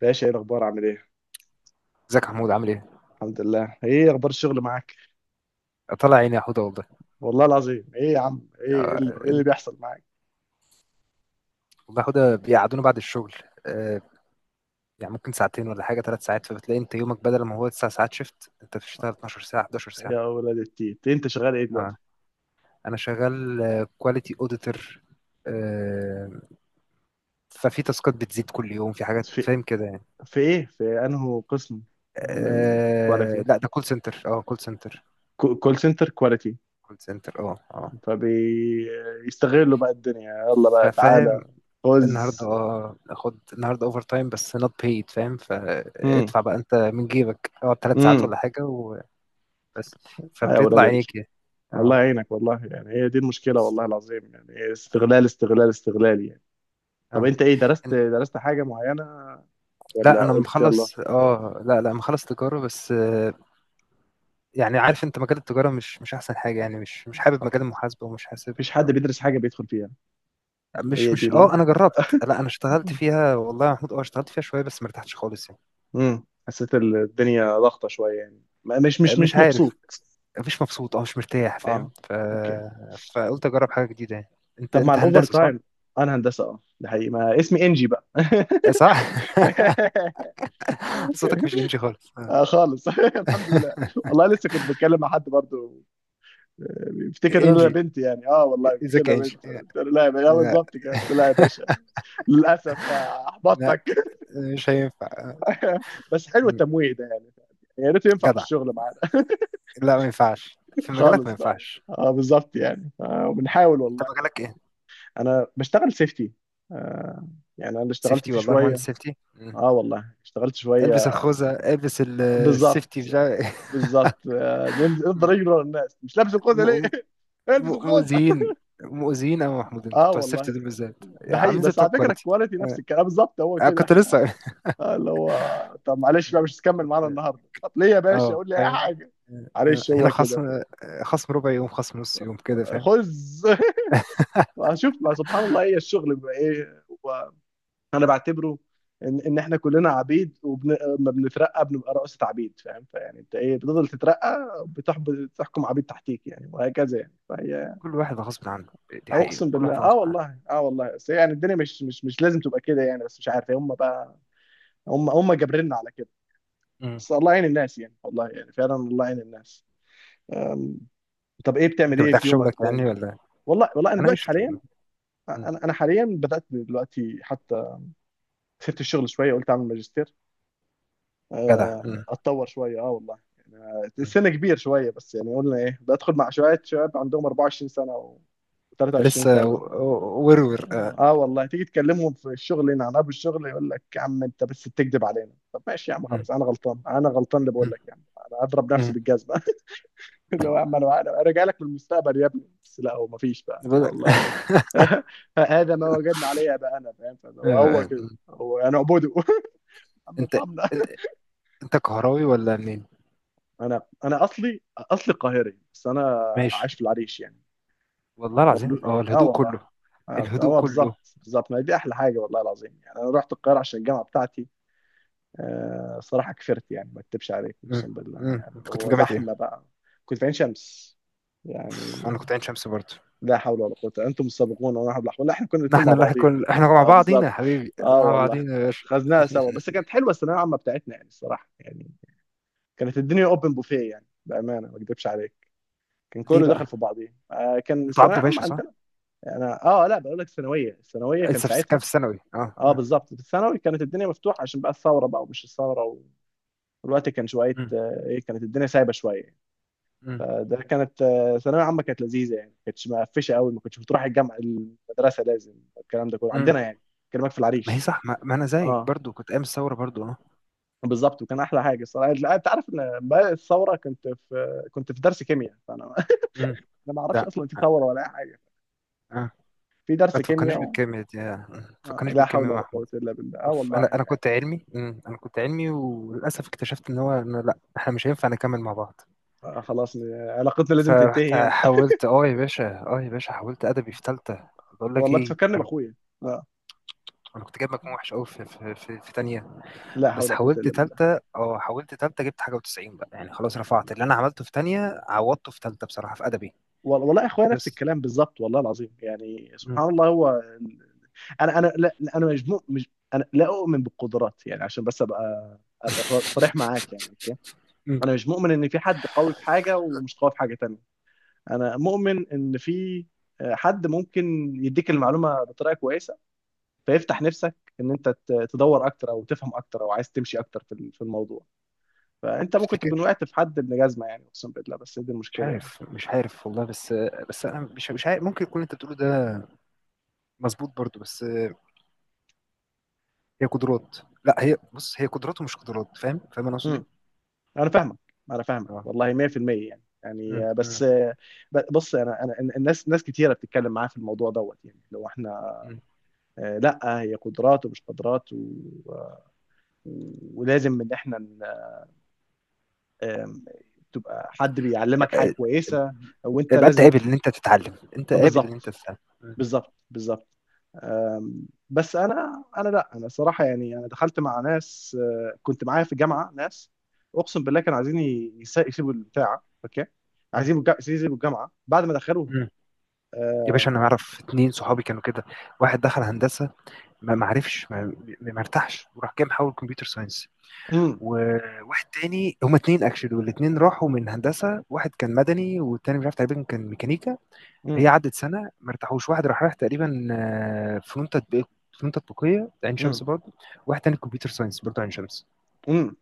باشا، ايه الاخبار، عامل ايه؟ ازيك يا محمود؟ عامل ايه؟ الحمد لله. ايه اخبار الشغل معاك؟ طلع عيني يا حوده والله. والله العظيم، ايه يا عم، ايه، آه، إيه اللي بيحصل معاك؟ والله يا حوده بيقعدونا بعد الشغل. آه، يعني ممكن ساعتين ولا حاجه، 3 ساعات. فبتلاقي انت يومك بدل ما هو 9 ساعات شيفت، انت بتشتغل 12 ساعة ساعه، 11 ساعة يا ساعه. ولاد التيت، انت شغال ايه دلوقتي؟ اه انا شغال كواليتي اوديتور. ففي تاسكات بتزيد كل يوم، في حاجات، في فاهم كده يعني. في ايه، في انه قسم؟ من كواليتي. لا، ده كول سنتر، كول سنتر كواليتي. كول سنتر فبيستغلوا بقى الدنيا. يلا بقى فاهم. تعالى. خذ. النهارده اخد النهارده اوفر تايم بس not paid، فاهم؟ امم فادفع بقى انت من جيبك، اقعد 3 ساعات امم ولا حاجه و بس يا فبيطلع ولاد ال... عينيك يعني. الله اه يعينك والله. يعني هي دي المشكله، بس والله العظيم يعني. إيه، استغلال، استغلال، استغلال يعني. طب اه انت، ايه، درست إن- درست حاجه معينه لا، ولا انا قلت يلا؟ مخلص، اه لا لا مخلص تجاره بس. يعني عارف، انت مجال التجاره مش احسن حاجه يعني، مش حابب صبر. مجال المحاسبه، ومش حاسب. مفيش حد بيدرس حاجة بيدخل فيها؟ مش هي دي مش اه انا ال... جربت، لا انا اشتغلت فيها، والله يا محمود، اشتغلت فيها شويه بس ما ارتحتش خالص يعني. حسيت الدنيا ضغطة شوية يعني، ما- مش مش مش مش عارف، مبسوط. مش مبسوط، مش مرتاح، فاهم؟ اه، اوكي. فقلت اجرب حاجه جديده يعني. طب مع انت الاوفر هندسه صح؟ تايم. انا هندسة اه، ده حقيقي، ما اسمي انجي بقى. آه، صح؟ صوتك مش انجي خالص. آه خالص الحمد لله. والله لسه كنت بتكلم مع حد برضه. آه، بيفتكر ان انا انجي، بنت يعني، اه والله بيفتكر ان ازيك يا انا انجي؟ بنت، قلت له لا يا باشا، آه، آه، بالظبط كده قلت له لا يا باشا. للاسف بقى لا، احبطتك. مش هينفع. بس حلو م- التمويه ده يعني. يا ريت ينفع في جدع، الشغل معانا. لا ما ينفعش في مجالك، ما خالص بقى. ينفعش. اه بالظبط يعني، آه، م. وبنحاول انت والله. مجالك ايه؟ انا بشتغل سيفتي. آه. يعني انا اللي اشتغلت سيفتي؟ فيه والله شويه. مهندس سيفتي. اه والله اشتغلت شويه. البس الخوذة، البس ال-، بالظبط. السيفتي بتاع بالظبط آه، نفضل م- نجري ورا الناس، مش لابس الخوذه ليه؟ م- البس الخوذه. مؤذيين، مؤذيين أوي يا محمود، انتوا اه بتوع السيفتي والله. دول بالذات ده حقيقي، عاملين زي بس بتوع على فكره الكواليتي. الكواليتي نفس الكلام، آه، بالظبط هو أنا كده كنت احنا. لسه آه، اللي هو. طب معلش بقى، مش هتكمل كنت- معانا اه النهارده؟ طب ليه يا باشا؟ آه، قول لي اي حاجه. آه، معلش هنا هو كده خصم. بقى. آه، خصم ربع يوم، خصم نص يوم كده، فاهم؟ خذ. واشوف، ما سبحان الله، هي الشغل بقى ايه؟ انا بعتبره ان احنا كلنا عبيد، وما بنترقى بنبقى رؤسة عبيد فاهم، فيعني انت ايه، بتفضل تترقى، بتحب بتحكم عبيد تحتيك يعني، وهكذا يعني، فهي. كل واحد غصب عنه، دي حقيقة، اقسم كل بالله، واحد اه غصب عنه. والله، اه والله. بس يعني الدنيا مش لازم تبقى كده يعني، بس مش عارف هم بقى. هم جابريننا على كده. م. بس الله يعين الناس يعني، والله يعني فعلا الله يعين الناس. أم، طب ايه، بتعمل انت ايه مرتاح في في يومك شغلك يعني تاني؟ ولا؟ والله والله انا انا دلوقتي قشطة حاليا، والله. انا حاليا بدات دلوقتي حتى، سبت الشغل شويه، قلت اعمل ماجستير. جدع. مم. اتطور شويه اه والله، يعني مم. السن كبير شويه، بس يعني قلنا ايه، بدخل مع شويه شباب عندهم 24 سنه و لسه 23 سنه. ورور. آه. اه والله تيجي تكلمهم في الشغل هنا عن ابو الشغل، يقول لك يا عم انت بس بتكذب علينا. طب ماشي يا عم مم. خلاص، انا غلطان، انا غلطان اللي بقول مم. لك يعني. انا اضرب نفسي مم. بالجزمه. اللي هو، يا عم انا راجع لك من المستقبل يا ابني، بس لا هو مفيش بقى، بقول لا لك والله. هذا ما وجدنا عليه بقى انا فاهم، فاللي هو آه. كده، هو انا اعبده. عم انت ارحمنا. انت انت كهراوي ولا منين؟ انا اصلي قاهري، بس انا ماشي. عايش في العريش يعني، والله العظيم، مولود اه، يعني اه الهدوء والله. كله، اه الهدوء آه، كله. بالظبط بالظبط، ما هي دي احلى حاجه والله العظيم. يعني انا رحت القاهره عشان الجامعه بتاعتي. آه صراحه كفرت يعني، ما اكتبش عليك مم. اقسم بالله، مم. يعني انت كنت في هو جامعة زحمه ايه؟ بقى. كنت في عين شمس يعني. اوف، انا كنت عين شمس برضه. لا حول ولا قوه، انتم السابقون وانا حول ولا قوه. لا، احنا كنا الاثنين نحن مع اللي بعضينا كل يعني، احنا مع اه بعضينا يا بالظبط. حبيبي، اه مع والله بعضينا يا باشا. خذناها سوا، بس كانت حلوه الثانويه العامه بتاعتنا يعني، الصراحه يعني. كانت الدنيا اوبن بوفيه يعني، بامانه ما اكدبش عليك. كان ليه كله بقى؟ دخل في بعضيه آه، كان انتوا الثانويه عبدو عامه باشا صح؟ عندنا. يعني اه لا، بقول لك الثانويه، كان لسه في، كان ساعتها. في الثانوي، اه اه اه. بالظبط، في الثانوي كانت الدنيا مفتوحه عشان بقى الثوره بقى، ومش الثوره. والوقت كان شويه، مم. آه ايه، كانت الدنيا سايبه شويه. مم. فده كانت، آه، ثانويه عامه كانت لذيذه يعني، ما كانتش مقفشه قوي. ما كنتش بتروح الجامعه، المدرسه لازم. الكلام ده كله مم. عندنا يعني، كلامك في ما هي العريش. صح. ما انا زيك اه برضو، كنت ايام الثوره برضو. اه. بالظبط، وكان احلى حاجه الصراحه. لا، انت عارف ان بقى الثوره، كنت في درس كيمياء فانا مم. انا ما اعرفش ده اصلا في ثوره ولا اي حاجه. اه، في ما درس تفكرنيش كيمياء. بالكيمياء دي. آه. ما آه، تفكرنيش لا حول بالكيمياء يا ولا احمد. قوة إلا بالله، اه اوف، والله. انا كنت علمي. مم. انا كنت علمي، وللاسف اكتشفت ان هو إنه لا، احنا مش هينفع نكمل مع بعض. آه خلاص، علاقتنا لازم فرحت تنتهي هنا. حاولت، اه يا باشا، اه يا باشا، حاولت ادبي في ثالثه. بقول لك والله ايه، بتفكرني بأخويا. آه، انا كنت جايب مجموع وحش قوي في في تانية. لا حول بس ولا قوة حاولت إلا بالله. ثالثه، حاولت ثالثه، جبت حاجه و90 بقى يعني. خلاص، رفعت اللي انا عملته في تانية، عوضته في ثالثه بصراحه في ادبي. والله أخويا نفس بس. الكلام بالظبط، والله العظيم يعني، مم. سبحان الله. أنا لا لا، أنا مجموع مش أنا، لا أؤمن بالقدرات يعني عشان بس أبقى صريح معاك يعني، أوكي. مم. أنا مش مؤمن إن في حد قوي في حاجة ومش قوي في حاجة تانية. أنا مؤمن إن في آه، حد ممكن يديك المعلومة بطريقة كويسة، فيفتح نفسك ان انت تدور اكتر، او تفهم اكتر، او عايز تمشي اكتر في الموضوع. فانت ممكن تكون وقعت في حد ابن جزمه يعني اقسم بالله، بس دي مش المشكله يعني. عارف، مش عارف والله. بس، بس انا مش عارف، ممكن يكون انت بتقوله ده مظبوط برضو. بس هي قدرات، لا هي، بص، هي قدرات ومش قدرات، فاهم؟ فاهم انا قصدي. امم انا فاهمك، انا فاهمك اه. والله 100%. يعني مم، يعني بس، مم، بص، انا الناس، ناس كتيره بتتكلم معايا في الموضوع دوت يعني، لو احنا مم. آه، لا هي قدرات ومش قدرات، و آه، ولازم ان احنا آم، تبقى حد بيعلمك حاجه آه، كويسه وانت يبقى انت لازم. قابل ان انت تتعلم، انت آه، قابل ان انت بالظبط. تتعلم. مم، بالظبط بالظبط. بس انا لا، انا صراحه يعني انا دخلت مع ناس، آه، كنت معايا في الجامعه ناس اقسم بالله، كانوا عايزين يسيبوا البتاع اوكي، مم، عايزين يسيبوا الجامعه بعد ما دخلوها. مم. يا باشا، آه، انا اعرف اتنين صحابي كانوا كده. واحد دخل هندسه، ما ما عرفش، ما ارتاحش، وراح جاي محول كمبيوتر ساينس. امم وواحد تاني، هما اتنين اكشلي، والاتنين راحوا من هندسه. واحد كان مدني، والتاني مش عارف، تقريبا كان ميكانيكا. هي امم عدت سنه ما ارتاحوش. واحد راح رايح تقريبا آه، فنون تطبيق، فنون تطبيقيه عين امم شمس برضه. واحد تاني كمبيوتر ساينس برضه عين شمس. امم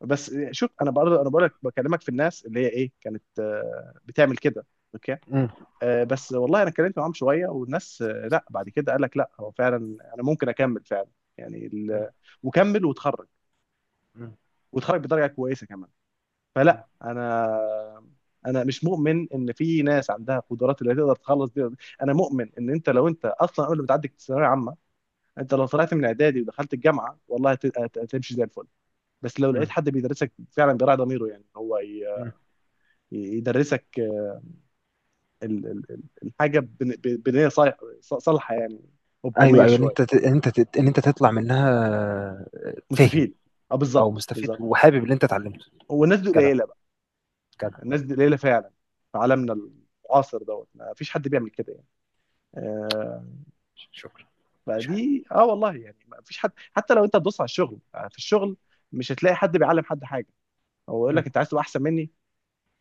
بس شوف، انا بقرا، انا بقول لك بكلمك في الناس اللي هي ايه، كانت آه، بتعمل كده اوكي. مم. آه، بس والله انا اتكلمت معاهم شويه والناس، آه، لا بعد كده قال لك لا هو فعلا انا ممكن اكمل فعلا. يعني مم. وكمل وتخرج، مم. وتخرج بدرجه كويسه كمان. مم. فلا، انا، انا مش مؤمن ان في ناس عندها قدرات اللي تقدر تخلص دي. انا مؤمن ان انت، لو انت اصلا قبل ما تعدي الثانويه العامه، انت لو طلعت من اعدادي ودخلت الجامعه والله هتمشي زي الفل. بس لو لقيت مم. حد بيدرسك فعلا، بيراعي ضميره يعني، هو مم. يدرسك الحاجه بنيه صالحه يعني، ايوه وبضمير ايوه، شويه. ان انت تطلع منها. آه، فاهم. مستفيد، اه او بالظبط مستفيد، بالظبط. وحابب اللي انت اتعلمته. والناس دي جدع، قليله بقى، جدع. الناس دي قليله مم. فعلا. في مم. عالمنا المعاصر دوت، ما فيش حد بيعمل كده. آه، شكرا. مفيش حاجه. فدي اه والله يعني، ما فيش حد حتى لو انت تدوس على الشغل، آه، في الشغل مش هتلاقي حد بيعلم حد حاجه. هو يقول مم. لك انت عايز تبقى احسن مني؟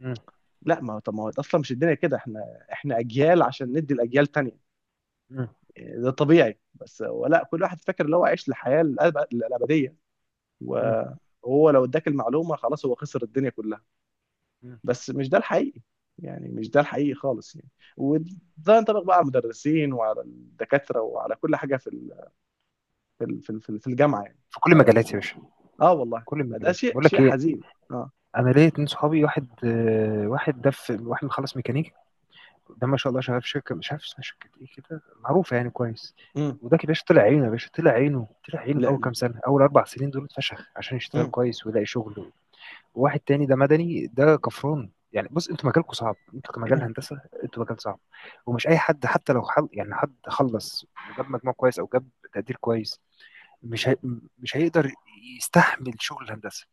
مم. لا، ما هو طب ما هو اصلا مش الدنيا كده. احنا، احنا اجيال عشان ندي الاجيال تانية. مم. آه، ده طبيعي، بس هو لا، كل واحد فاكر ان هو عايش الحياه الابديه، مم. وهو لو اداك المعلومه خلاص هو خسر الدنيا كلها. مم. بس مش ده الحقيقي، يعني مش ده الحقيقي خالص يعني. وده ينطبق بقى على المدرسين وعلى الدكاتره وعلى كل حاجه في في ال- في ال- في الجامعه يعني. في كل المجالات يا باشا، اه في والله، كل فده المجالات. شيء بقول شيء لك ايه، حزين. اه، انا ليا اتنين صحابي. واحد ده، في واحد مخلص ميكانيكا. ده ما شاء الله شغال في شركه مش عارف اسمها، شركه ايه كده معروفه يعني كويس. امم وده كده باشا طلع عينه، يا باشا طلع عينه، طلع عينه في لا اول كام لا، سنه، اول 4 سنين دول اتفشخ عشان يشتغل امم كويس ويلاقي شغل. وواحد تاني ده مدني، ده كفران يعني. بص، انتوا مجالكم صعب، انتوا كمجال هندسه، انتوا مجال صعب. ومش اي حد، حتى لو حل يعني حد خلص وجاب مجموع كويس، او جاب تقدير كويس، مش هي... مش هيقدر يستحمل شغل الهندسه.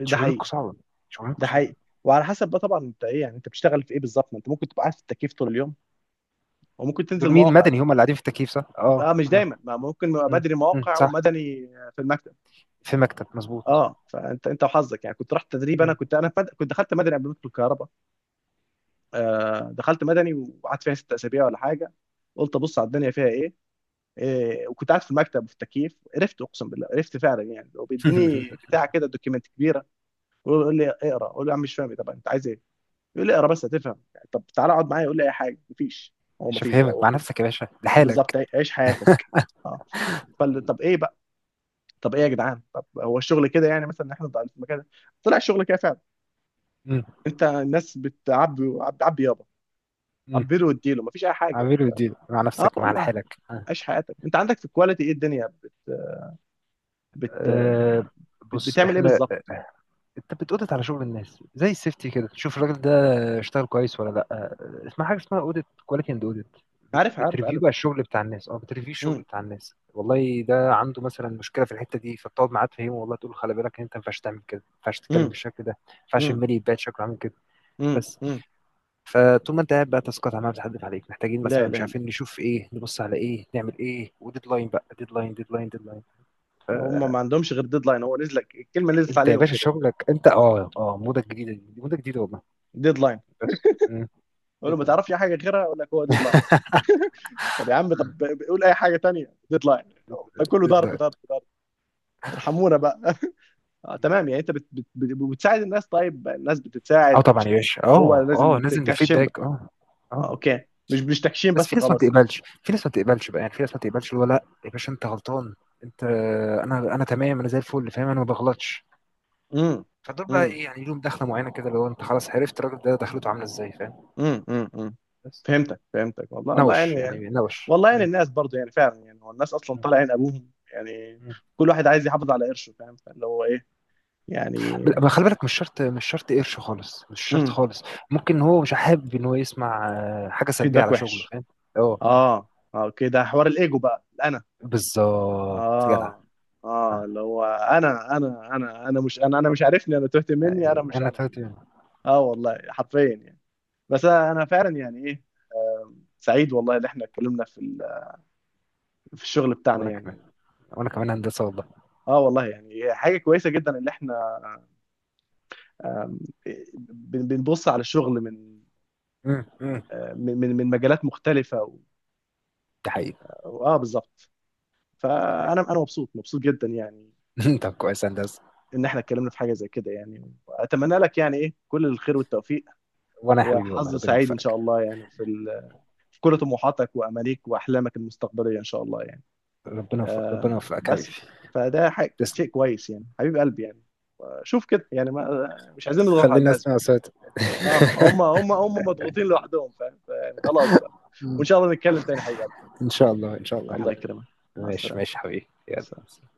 انتوا شغلانتكم حقيقي، صعبه، شغلانتكم ده صعبه. حقيقي. وعلى حسب بقى طبعا، انت ايه يعني، انت بتشتغل في ايه بالظبط؟ ما انت ممكن تبقى قاعد في التكييف طول اليوم، وممكن تنزل دول مين؟ مواقع مدني؟ بقى. هم اللي قاعدين في التكييف صح؟ اه اه مش اه. دايما، ما ممكن يبقى مم. بدري مم. مواقع صح. ومدني، في المكتب. في مكتب، مظبوط. اه، فانت انت وحظك يعني، كنت رحت تدريب. انا مم. كنت انا في مد... كنت دخلت مدني قبل ما ادخل الكهرباء. آه دخلت مدني وقعدت فيها ست اسابيع ولا حاجه، قلت ابص على الدنيا فيها ايه، وكنت قاعد في المكتب وفي التكييف عرفت اقسم بالله، عرفت فعلا يعني. وبيديني بتاع كده دوكيمنت كبير، يقول لي اقرا، اقول له يا عم مش فاهم إيه، طب انت عايز ايه؟ يقول لي اقرا بس هتفهم. طب تعالى اقعد معايا، يقول لي اي حاجه مفيش. هو مش مفيش بقى، هفهمك، هو مع كده. نفسك يا باشا اه بالظبط، لحالك. عيش حياتك. اه، فال، طب ايه بقى، طب ايه يا جدعان، طب هو الشغل كده يعني، مثلا إن احنا ضايعين في المكان ده؟ طلع الشغل كده فعلا. مم. انت الناس بتعبي، عبي يابا، مم. عبيله واديله، مفيش اي حاجه عامله انت. دي مع اه نفسك، مع والله، لحالك. عيش حياتك. انت عندك في الكواليتي ايه الدنيا، بت... أه. بص، بتعمل ايه احنا، بالظبط؟ انت بتقودت على شغل الناس زي السيفتي كده، تشوف الراجل ده اشتغل كويس ولا لا. أه، اسمها حاجه اسمها اوديت، كواليتي اند اوديت. عارف، عارف، بتريفيو عارف. بقى الشغل بتاع الناس، بتريفيو الشغل امم بتاع الناس، والله ده عنده مثلا مشكله في الحته دي، فبتقعد معاه تفهمه، والله تقول له خلي بالك، انت ما ينفعش تعمل كده، ما ينفعش تتكلم امم بالشكل ده، ما ينفعش الميل يتباعد شكله عامل كده. امم بس. امم فطول ما انت قاعد بقى، تاسكات عماله بتحدف عليك، محتاجين لا، مثلا، مش لا، عارفين نشوف ايه، نبص على ايه، نعمل ايه، وديدلاين بقى، ديدلاين. هم ما عندهمش غير ديدلاين. هو نزل لك الكلمه، نزلت انت يا عليهم باشا كده. شغلك انت، موضه جديده، دي موضه جديده والله. ديدلاين، بس. مم. اقول له ما ديدلاين. تعرفش أي حاجه غيرها، يقول لك هو ديدلاين. طب يا عم، مم. طب قول اي حاجه تانية، ديدلاين. ده كله ضرب، ديدلاين. ضرب، ضرب. ارحمونا بقى. آه تمام يعني، انت بت بت بت بتساعد الناس، طيب الناس اه بتتساعد طبعا مش؟ يا باشا، هو لازم لازم تكشم الفيدباك. له. اه. آه اه. اوكي. آه. مش تكشيم بس بس في ناس ما وخلاص يعني. بتقبلش، بقى يعني، في ناس ما بتقبلش، اللي هو لا يا باشا انت غلطان، انت انا تمام، انا زي الفل فاهم، انا ما بغلطش. امم فدول بقى امم ايه يعني، لهم دخله معينه كده، اللي هو انت خلاص عرفت الراجل ده دخلته عامله ازاي، فاهم؟ أمم. بس. فهمتك، فهمتك والله. الله نوش يعني يعني، نوش. والله يعني مم. الناس برضو يعني فعلا يعني، هو الناس اصلا مم. طالع عين ابوهم يعني. مم. كل واحد عايز يحافظ على قرشه فاهم، فاللي هو ايه يعني. خلي بالك، مش شرط قرش خالص، مش شرط امم خالص. ممكن هو مش حابب ان هو يسمع آه، حاجه سلبيه فيدباك على شغله، وحش. فاهم؟ اه آه. اه اه، كده حوار الايجو بقى، الانا. بالظبط، جدع. اه اه، آه. اللي هو انا انا مش انا انا مش عارفني، انا تهت مني، انا مش انا انا. تلاتة. اه والله حرفيا يعني. بس انا فعلا يعني ايه، سعيد والله اللي احنا اتكلمنا في في الشغل بتاعنا وانا كمان، يعني. وانا كمان هندسه والله. اه والله يعني حاجه كويسه جدا اللي احنا، آم، بنبص على الشغل من امم. آه، من مجالات مختلفه و- ده حقيقي، اه بالظبط، ده فانا حقيقي. انا مبسوط مبسوط جدا يعني، انت كويس يا هندسه. ان احنا اتكلمنا في حاجه زي كده يعني. واتمنى لك يعني ايه، كل الخير والتوفيق، وانا يا حبيبي والله، وحظ ربنا سعيد ان شاء يوفقك، الله يعني، في في كل طموحاتك وامانيك واحلامك المستقبليه ان شاء الله يعني. ربنا يوفقك، ربنا آه يوفقك حبيبي. بس، فده حاجة، تسلم. شيء كويس يعني، حبيب قلبي يعني. شوف كده يعني، ما مش عايزين نضغط على خليني الناس اسمع بقى. صوتك. اه، هم مضغوطين لوحدهم فاهم، فيعني خلاص بقى. وان مم. شاء الله نتكلم تاني يا حبيب قلبي. ان شاء الله، ان شاء الله يا الله حبيبي. يكرمك. مع ماشي السلامه. ماشي يا حبيبي، مع السلامه. يلا.